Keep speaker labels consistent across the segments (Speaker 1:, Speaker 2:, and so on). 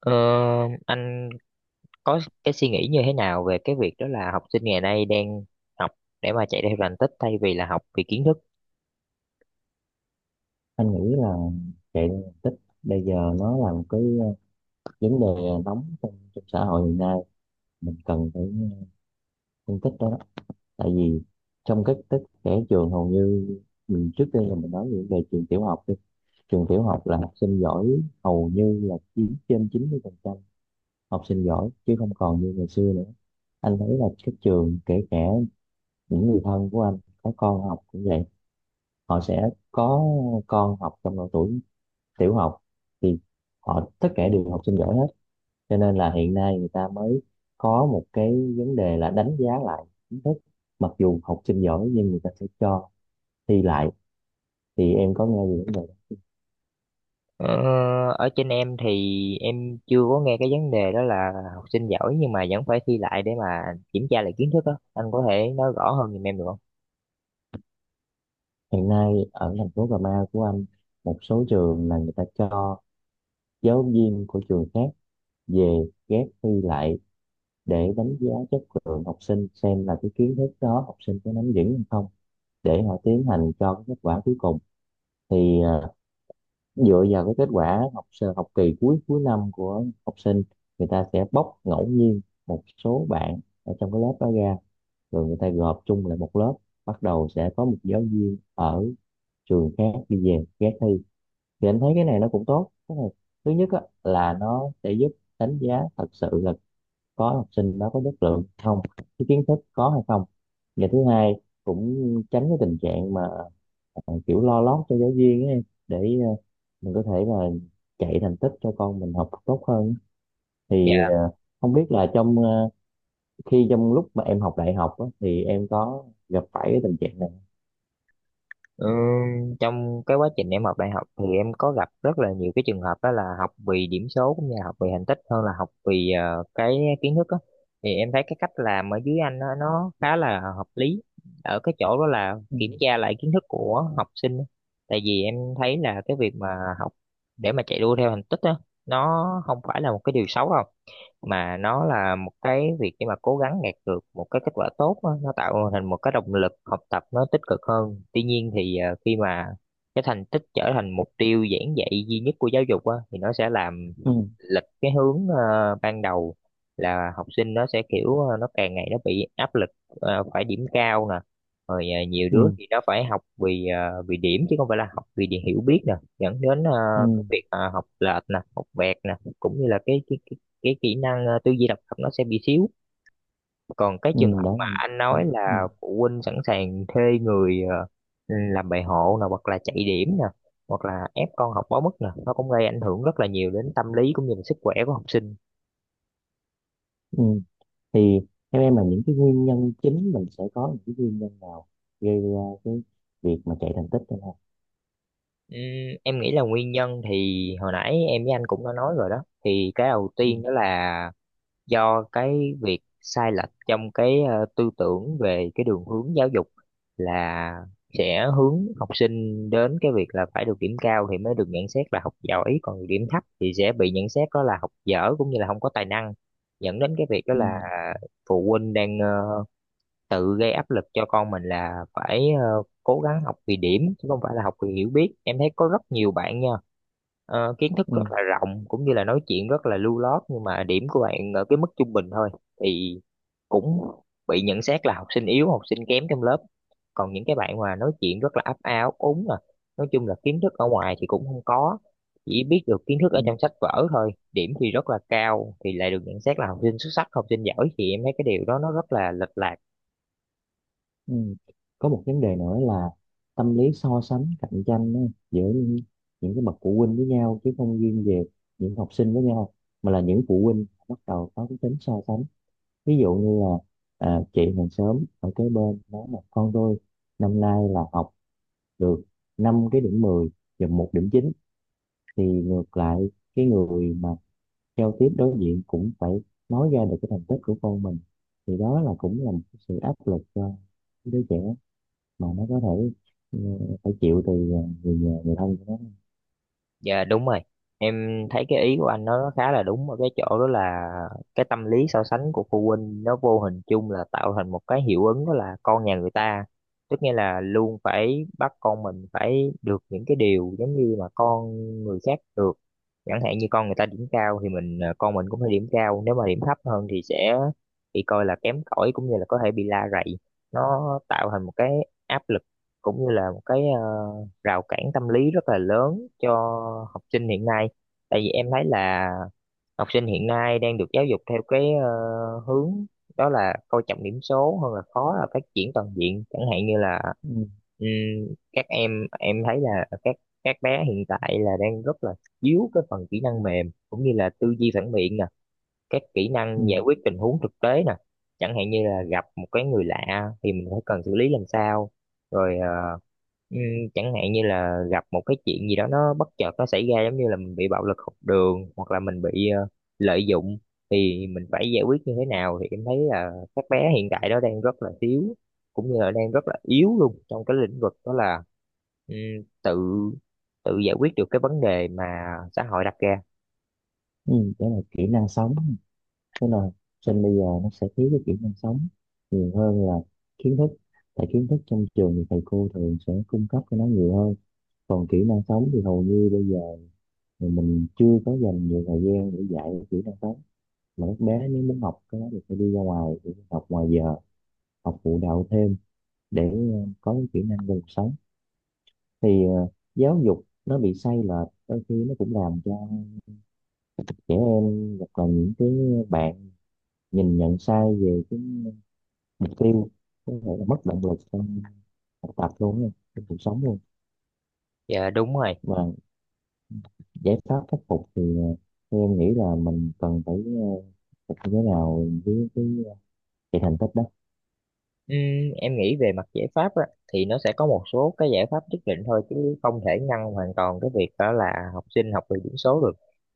Speaker 1: Ờ, anh có cái suy nghĩ như thế nào về cái việc đó là học sinh ngày nay đang học để mà chạy theo thành tích thay vì là học vì kiến thức?
Speaker 2: Anh nghĩ là chạy đua thành tích bây giờ nó là một cái vấn đề nóng trong xã hội hiện nay. Mình cần phải phân tích đó. Tại vì trong các tích trẻ trường hầu như mình trước đây là mình nói về về trường tiểu học đi. Trường tiểu học là học sinh giỏi hầu như là chiếm trên 90% học sinh giỏi, chứ không còn như ngày xưa nữa. Anh thấy là các trường, kể cả những người thân của anh có con học cũng vậy, họ sẽ có con học trong độ tuổi tiểu học thì họ tất cả đều học sinh giỏi hết. Cho nên là hiện nay người ta mới có một cái vấn đề là đánh giá lại kiến thức. Mặc dù học sinh giỏi nhưng người ta sẽ cho thi lại, thì em có nghe về vấn đề đó.
Speaker 1: Ờ, Ở trên em thì em chưa có nghe cái vấn đề đó là học sinh giỏi nhưng mà vẫn phải thi lại để mà kiểm tra lại kiến thức đó. Anh có thể nói rõ hơn giùm em được không?
Speaker 2: Hiện nay ở thành phố Cà Mau của anh, một số trường là người ta cho giáo viên của trường khác về ghép thi lại để đánh giá chất lượng học sinh, xem là cái kiến thức đó học sinh có nắm vững hay không, để họ tiến hành cho cái kết quả cuối cùng. Thì dựa vào cái kết quả học kỳ cuối cuối năm của học sinh, người ta sẽ bóc ngẫu nhiên một số bạn ở trong cái lớp đó ra, rồi người ta gộp chung lại một lớp, bắt đầu sẽ có một giáo viên ở trường khác đi về ghé thi. Thì anh thấy cái này nó cũng tốt. Cái này thứ nhất á, là nó sẽ giúp đánh giá thật sự là có học sinh đó có chất lượng không, cái kiến thức có hay không. Và thứ hai cũng tránh cái tình trạng mà kiểu lo lót cho giáo viên ấy, để ờ, mình có thể là chạy thành tích cho con mình học tốt hơn. Thì không biết là khi trong lúc mà em học đại học á, thì em có gặp phải cái tình trạng này.
Speaker 1: Ừ, trong cái quá trình em học đại học thì em có gặp rất là nhiều cái trường hợp đó là học vì điểm số cũng như là học vì thành tích hơn là học vì cái kiến thức á, thì em thấy cái cách làm ở dưới anh nó khá là hợp lý ở cái chỗ đó là
Speaker 2: Ừ,
Speaker 1: kiểm tra lại kiến thức của học sinh á. Tại vì em thấy là cái việc mà học để mà chạy đua theo thành tích á, nó không phải là một cái điều xấu đâu mà nó là một cái việc để mà cố gắng đạt được một cái kết quả tốt á, nó tạo thành một cái động lực học tập nó tích cực hơn. Tuy nhiên thì khi mà cái thành tích trở thành mục tiêu giảng dạy duy nhất của giáo dục á, thì nó sẽ làm
Speaker 2: ừ,
Speaker 1: lịch cái hướng ban đầu là học sinh nó sẽ kiểu nó càng ngày nó bị áp lực, phải điểm cao nè, rồi nhiều đứa
Speaker 2: ừ,
Speaker 1: thì nó phải học vì vì điểm chứ không phải là học vì điều hiểu biết nè, dẫn đến
Speaker 2: ừ,
Speaker 1: cái việc học lệch nè, học vẹt nè, cũng như là cái kỹ năng tư duy độc lập nó sẽ bị xíu. Còn cái
Speaker 2: ừ,
Speaker 1: trường hợp
Speaker 2: đó
Speaker 1: mà
Speaker 2: là
Speaker 1: anh
Speaker 2: ừ,
Speaker 1: nói
Speaker 2: ừ.
Speaker 1: là phụ huynh sẵn sàng thuê người làm bài hộ nè hoặc là chạy điểm nè hoặc là ép con học quá mức nè, nó cũng gây ảnh hưởng rất là nhiều đến tâm lý cũng như là sức khỏe của học sinh.
Speaker 2: Ừ. Thì theo em là những cái nguyên nhân chính, mình sẽ có những cái nguyên nhân nào gây ra cái việc mà chạy thành tích hay không?
Speaker 1: Ừm, em nghĩ là nguyên nhân thì hồi nãy em với anh cũng đã nói rồi đó, thì cái đầu
Speaker 2: Ừ,
Speaker 1: tiên đó là do cái việc sai lệch trong cái tư tưởng về cái đường hướng giáo dục là sẽ hướng học sinh đến cái việc là phải được điểm cao thì mới được nhận xét là học giỏi, còn điểm thấp thì sẽ bị nhận xét đó là học dở cũng như là không có tài năng, dẫn đến cái việc đó
Speaker 2: ừ,
Speaker 1: là phụ huynh đang tự gây áp lực cho con mình là phải cố gắng học vì điểm chứ không phải là học vì hiểu biết. Em thấy có rất nhiều bạn nha, kiến thức rất là rộng cũng như là nói chuyện rất là lưu loát nhưng mà điểm của bạn ở cái mức trung bình thôi thì cũng bị nhận xét là học sinh yếu, học sinh kém trong lớp. Còn những cái bạn mà nói chuyện rất là ấp a ấp úng à, nói chung là kiến thức ở ngoài thì cũng không có, chỉ biết được kiến thức ở
Speaker 2: ừ.
Speaker 1: trong sách vở thôi, điểm thì rất là cao thì lại được nhận xét là học sinh xuất sắc, học sinh giỏi, thì em thấy cái điều đó nó rất là lệch lạc.
Speaker 2: Ừ. Có một vấn đề nữa là tâm lý so sánh cạnh tranh á, giữa những, những cái bậc phụ huynh với nhau, chứ không riêng về những học sinh với nhau, mà là những phụ huynh bắt đầu có cái tính so sánh. Ví dụ như là à, chị hàng xóm ở kế bên nói là con tôi năm nay là học được 5 cái điểm 10 và 1 điểm 9, thì ngược lại cái người mà giao tiếp đối diện cũng phải nói ra được cái thành tích của con mình. Thì đó là cũng là một cái sự áp lực cho đứa trẻ mà nó có thể ừ, phải chịu từ người nhà người thân của nó.
Speaker 1: Dạ đúng rồi. Em thấy cái ý của anh nó khá là đúng ở cái chỗ đó là cái tâm lý so sánh của phụ huynh nó vô hình chung là tạo thành một cái hiệu ứng đó là con nhà người ta. Tức nghĩa là luôn phải bắt con mình phải được những cái điều giống như mà con người khác được. Chẳng hạn như con người ta điểm cao thì mình con mình cũng phải điểm cao, nếu mà điểm thấp hơn thì sẽ bị coi là kém cỏi cũng như là có thể bị la rầy. Nó tạo thành một cái áp lực cũng như là một cái rào cản tâm lý rất là lớn cho học sinh hiện nay, tại vì em thấy là học sinh hiện nay đang được giáo dục theo cái hướng đó là coi trọng điểm số hơn là khó là phát triển toàn diện. Chẳng hạn như là
Speaker 2: Ừ,
Speaker 1: ừm, các em thấy là các các bé hiện tại là đang rất là thiếu cái phần kỹ năng mềm cũng như là tư duy phản biện nè, các kỹ
Speaker 2: ừ,
Speaker 1: năng giải quyết tình huống thực tế nè, chẳng hạn như là gặp một cái người lạ thì mình phải cần xử lý làm sao, rồi ừm, chẳng hạn như là gặp một cái chuyện gì đó nó bất chợt nó xảy ra giống như là mình bị bạo lực học đường hoặc là mình bị lợi dụng thì mình phải giải quyết như thế nào, thì em thấy là các bé hiện tại đó đang rất là thiếu cũng như là đang rất là yếu luôn trong cái lĩnh vực đó là ừm, tự tự giải quyết được cái vấn đề mà xã hội đặt ra.
Speaker 2: ừ. Đó là kỹ năng sống. Thế là sinh bây giờ nó sẽ thiếu cái kỹ năng sống nhiều hơn là kiến thức. Tại kiến thức trong trường thì thầy cô thường sẽ cung cấp cho nó nhiều hơn, còn kỹ năng sống thì hầu như bây giờ thì mình chưa có dành nhiều thời gian để dạy kỹ năng sống, mà các bé nếu muốn học cái đó thì phải đi ra ngoài để học ngoài giờ, học phụ đạo thêm để có cái kỹ năng về cuộc sống. Thì giáo dục nó bị sai lệch đôi khi nó cũng làm cho trẻ em hoặc là những cái bạn nhìn nhận sai về cái mục tiêu, có thể là mất động lực trong học tập luôn á, trong cuộc sống luôn.
Speaker 1: Dạ đúng rồi.
Speaker 2: Và giải pháp khắc phục thì theo em nghĩ là mình cần phải phục như thế nào với cái cái thành tích đó?
Speaker 1: Ừm, em nghĩ về mặt giải pháp á, thì nó sẽ có một số cái giải pháp nhất định thôi chứ không thể ngăn hoàn toàn cái việc đó là học sinh học về điểm số được.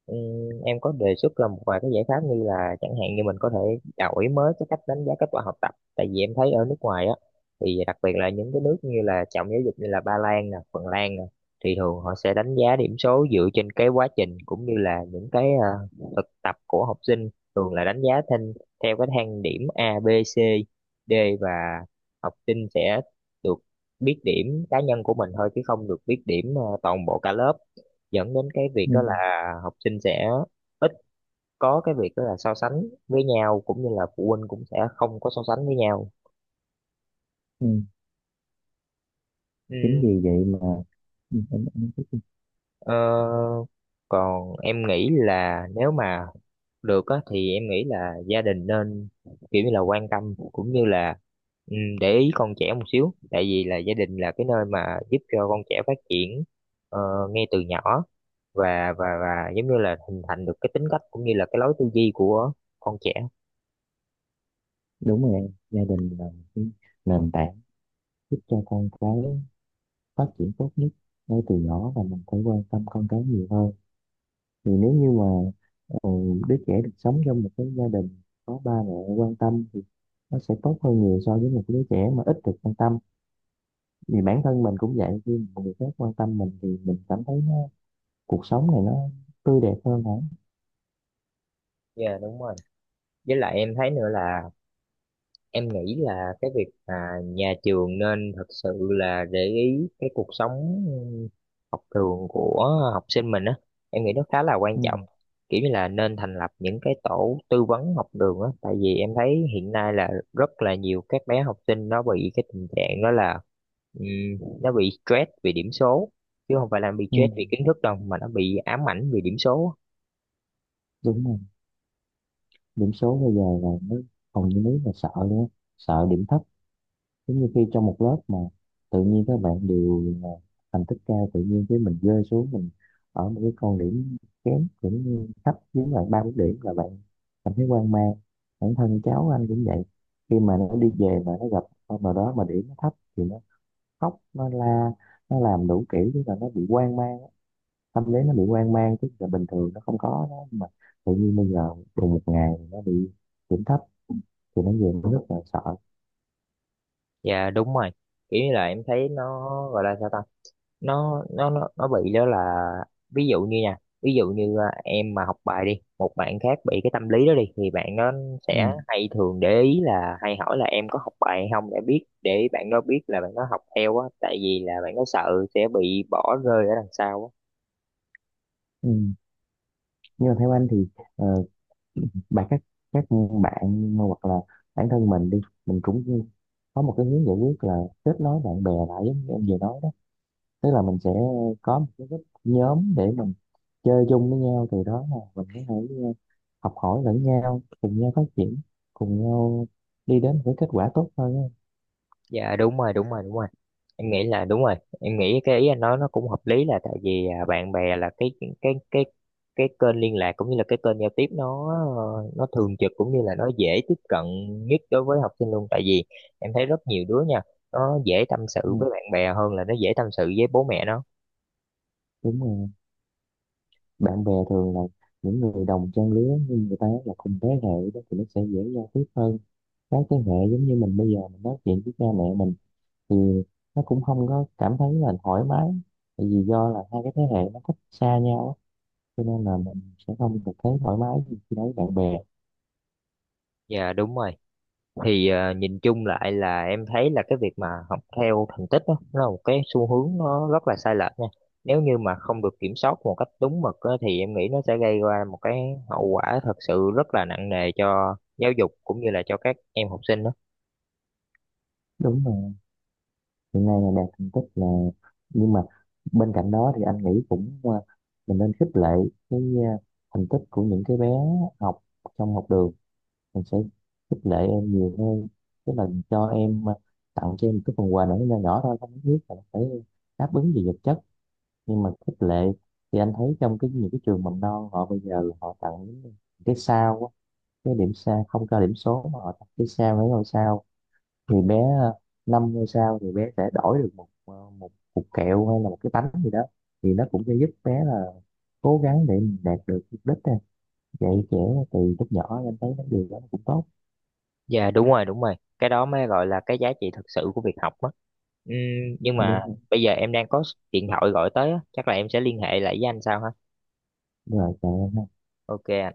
Speaker 1: Em có đề xuất ra một vài cái giải pháp như là chẳng hạn như mình có thể đổi mới cái cách đánh giá kết quả học tập. Tại vì em thấy ở nước ngoài á, thì đặc biệt là những cái nước như là trọng giáo dục như là Ba Lan nè, Phần Lan nè, thì thường họ sẽ đánh giá điểm số dựa trên cái quá trình cũng như là những cái thực tập của học sinh, thường là đánh giá thêm theo cái thang điểm A, B, C, D. Và học sinh sẽ được biết điểm cá nhân của mình thôi chứ không được biết điểm toàn bộ cả lớp, dẫn đến cái việc
Speaker 2: Ừ.
Speaker 1: đó là học sinh sẽ ít có cái việc đó là so sánh với nhau cũng như là phụ huynh cũng sẽ không có so sánh với nhau.
Speaker 2: Ừ. Chính
Speaker 1: Ừm,
Speaker 2: vì vậy mà ừ, em...
Speaker 1: ờ, Còn em nghĩ là nếu mà được á thì em nghĩ là gia đình nên kiểu như là quan tâm cũng như là ừ, để ý con trẻ một xíu, tại vì là gia đình là cái nơi mà giúp cho con trẻ phát triển ờ, ngay từ nhỏ, và giống như là hình thành được cái tính cách cũng như là cái lối tư duy của con trẻ.
Speaker 2: Đúng rồi em. Gia đình là một cái nền tảng giúp cho con cái phát triển tốt nhất ngay từ nhỏ, và mình phải quan tâm con cái nhiều hơn. Thì nếu như mà ờ, đứa trẻ được sống trong một cái gia đình có ba mẹ quan tâm thì nó sẽ tốt hơn nhiều so với một đứa trẻ mà ít được quan tâm. Vì bản thân mình cũng vậy, khi một người khác quan tâm mình thì mình cảm thấy nó, cuộc sống này nó tươi đẹp hơn, hả?
Speaker 1: Dạ đúng rồi. Với lại em thấy nữa là em nghĩ là cái việc mà nhà trường nên thật sự là để ý cái cuộc sống học đường của học sinh mình á, em nghĩ nó khá là quan
Speaker 2: Ừ,
Speaker 1: trọng, kiểu như là nên thành lập những cái tổ tư vấn học đường á, tại vì em thấy hiện nay là rất là nhiều các bé học sinh nó bị cái tình trạng đó là ừm, nó bị stress vì điểm số chứ không phải là bị
Speaker 2: ừ,
Speaker 1: stress vì kiến thức đâu, mà nó bị ám ảnh vì điểm số.
Speaker 2: đúng rồi. Điểm số bây giờ là nó hầu như nếu là sợ nữa, sợ điểm thấp. Giống như khi trong một lớp mà tự nhiên các bạn đều là thành tích cao, tự nhiên cái mình rơi xuống, mình ở một cái con điểm kém cũng như thấp, giống bạn ba bốn điểm là bạn cảm thấy hoang mang. Bản thân cháu anh cũng vậy, khi mà nó đi về mà nó gặp con nào đó mà điểm nó thấp thì nó khóc, nó la, nó làm đủ kiểu, tức là nó bị hoang mang. Tâm lý nó bị hoang mang, tức là bình thường nó không có đó. Nhưng mà tự nhiên bây giờ cùng một ngày nó bị điểm thấp thì nó về nó rất là sợ.
Speaker 1: Dạ đúng rồi. Kiểu như là em thấy nó gọi là sao ta, nó bị đó là, ví dụ như nha, ví dụ như à, em mà học bài đi, một bạn khác bị cái tâm lý đó đi, thì bạn nó sẽ
Speaker 2: Ừ.
Speaker 1: hay thường để ý là hay hỏi là em có học bài hay không, để biết để bạn nó biết là bạn nó học theo á, tại vì là bạn nó sợ sẽ bị bỏ rơi ở đằng sau á.
Speaker 2: Ừ. Nhưng mà theo anh thì ờ, bạn các bạn hoặc là bản thân mình đi, mình cũng có một cái hướng giải quyết là kết nối bạn bè lại, giống như em vừa nói đó. Tức là mình sẽ có một cái group nhóm để mình chơi chung với nhau, từ đó là mình có thể học hỏi lẫn nhau, cùng nhau phát triển, cùng nhau đi đến với kết quả tốt hơn á.
Speaker 1: Dạ đúng rồi, đúng rồi, đúng rồi. Em nghĩ là đúng rồi, em nghĩ cái ý anh nói nó cũng hợp lý là tại vì à, bạn bè là cái cái cái kênh liên lạc cũng như là cái kênh giao tiếp, nó nó thường trực cũng như là nó dễ tiếp cận nhất đối với học sinh luôn, tại vì em thấy rất nhiều đứa nha, nó dễ tâm sự
Speaker 2: Ừ,
Speaker 1: với bạn bè hơn là nó dễ tâm sự với bố mẹ nó.
Speaker 2: đúng rồi. Bạn bè thường là những người đồng trang lứa, nhưng người ta là cùng thế hệ đó thì nó sẽ dễ giao tiếp hơn các thế hệ. Giống như mình bây giờ mình nói chuyện với cha mẹ mình thì nó cũng không có cảm thấy là thoải mái, tại vì do là hai cái thế hệ nó cách xa nhau á, cho nên là mình sẽ không được thấy thoải mái như khi nói bạn bè.
Speaker 1: Dạ đúng rồi. Thì à, nhìn chung lại là em thấy là cái việc mà học theo thành tích á, nó là một cái xu hướng nó rất là sai lệch nha, nếu như mà không được kiểm soát một cách đúng mực á, thì em nghĩ nó sẽ gây ra một cái hậu quả thật sự rất là nặng nề cho giáo dục cũng như là cho các em học sinh đó.
Speaker 2: Đúng rồi. Hiện nay là đạt thành tích là, nhưng mà bên cạnh đó thì anh nghĩ cũng à, mình nên khích lệ cái à, thành tích của những cái bé học trong học đường. Mình sẽ khích lệ em nhiều hơn, tức là cho em à, tặng cho em một cái phần quà nhỏ nhỏ nhỏ thôi, không nhất thiết là phải đáp ứng gì vật chất, nhưng mà khích lệ. Thì anh thấy trong cái những cái trường mầm non họ bây giờ là họ tặng những cái sao á, cái điểm sao, không cho điểm số mà họ tặng cái sao, mấy ngôi sao. Thì bé 5 ngôi sao thì bé sẽ đổi được một cục kẹo hay là một cái bánh gì đó. Thì nó cũng sẽ giúp bé là cố gắng để mình đạt được mục đích này. Dạy trẻ từ lúc nhỏ em thấy vấn điều đó cũng tốt,
Speaker 1: Dạ đúng rồi, đúng rồi, cái đó mới gọi là cái giá trị thật sự của việc học á. Nhưng mà
Speaker 2: đúng không?
Speaker 1: bây giờ em đang có điện thoại gọi tới á, chắc là em sẽ liên hệ lại với anh sau ha.
Speaker 2: Đúng rồi, trời ơi,
Speaker 1: OK ạ.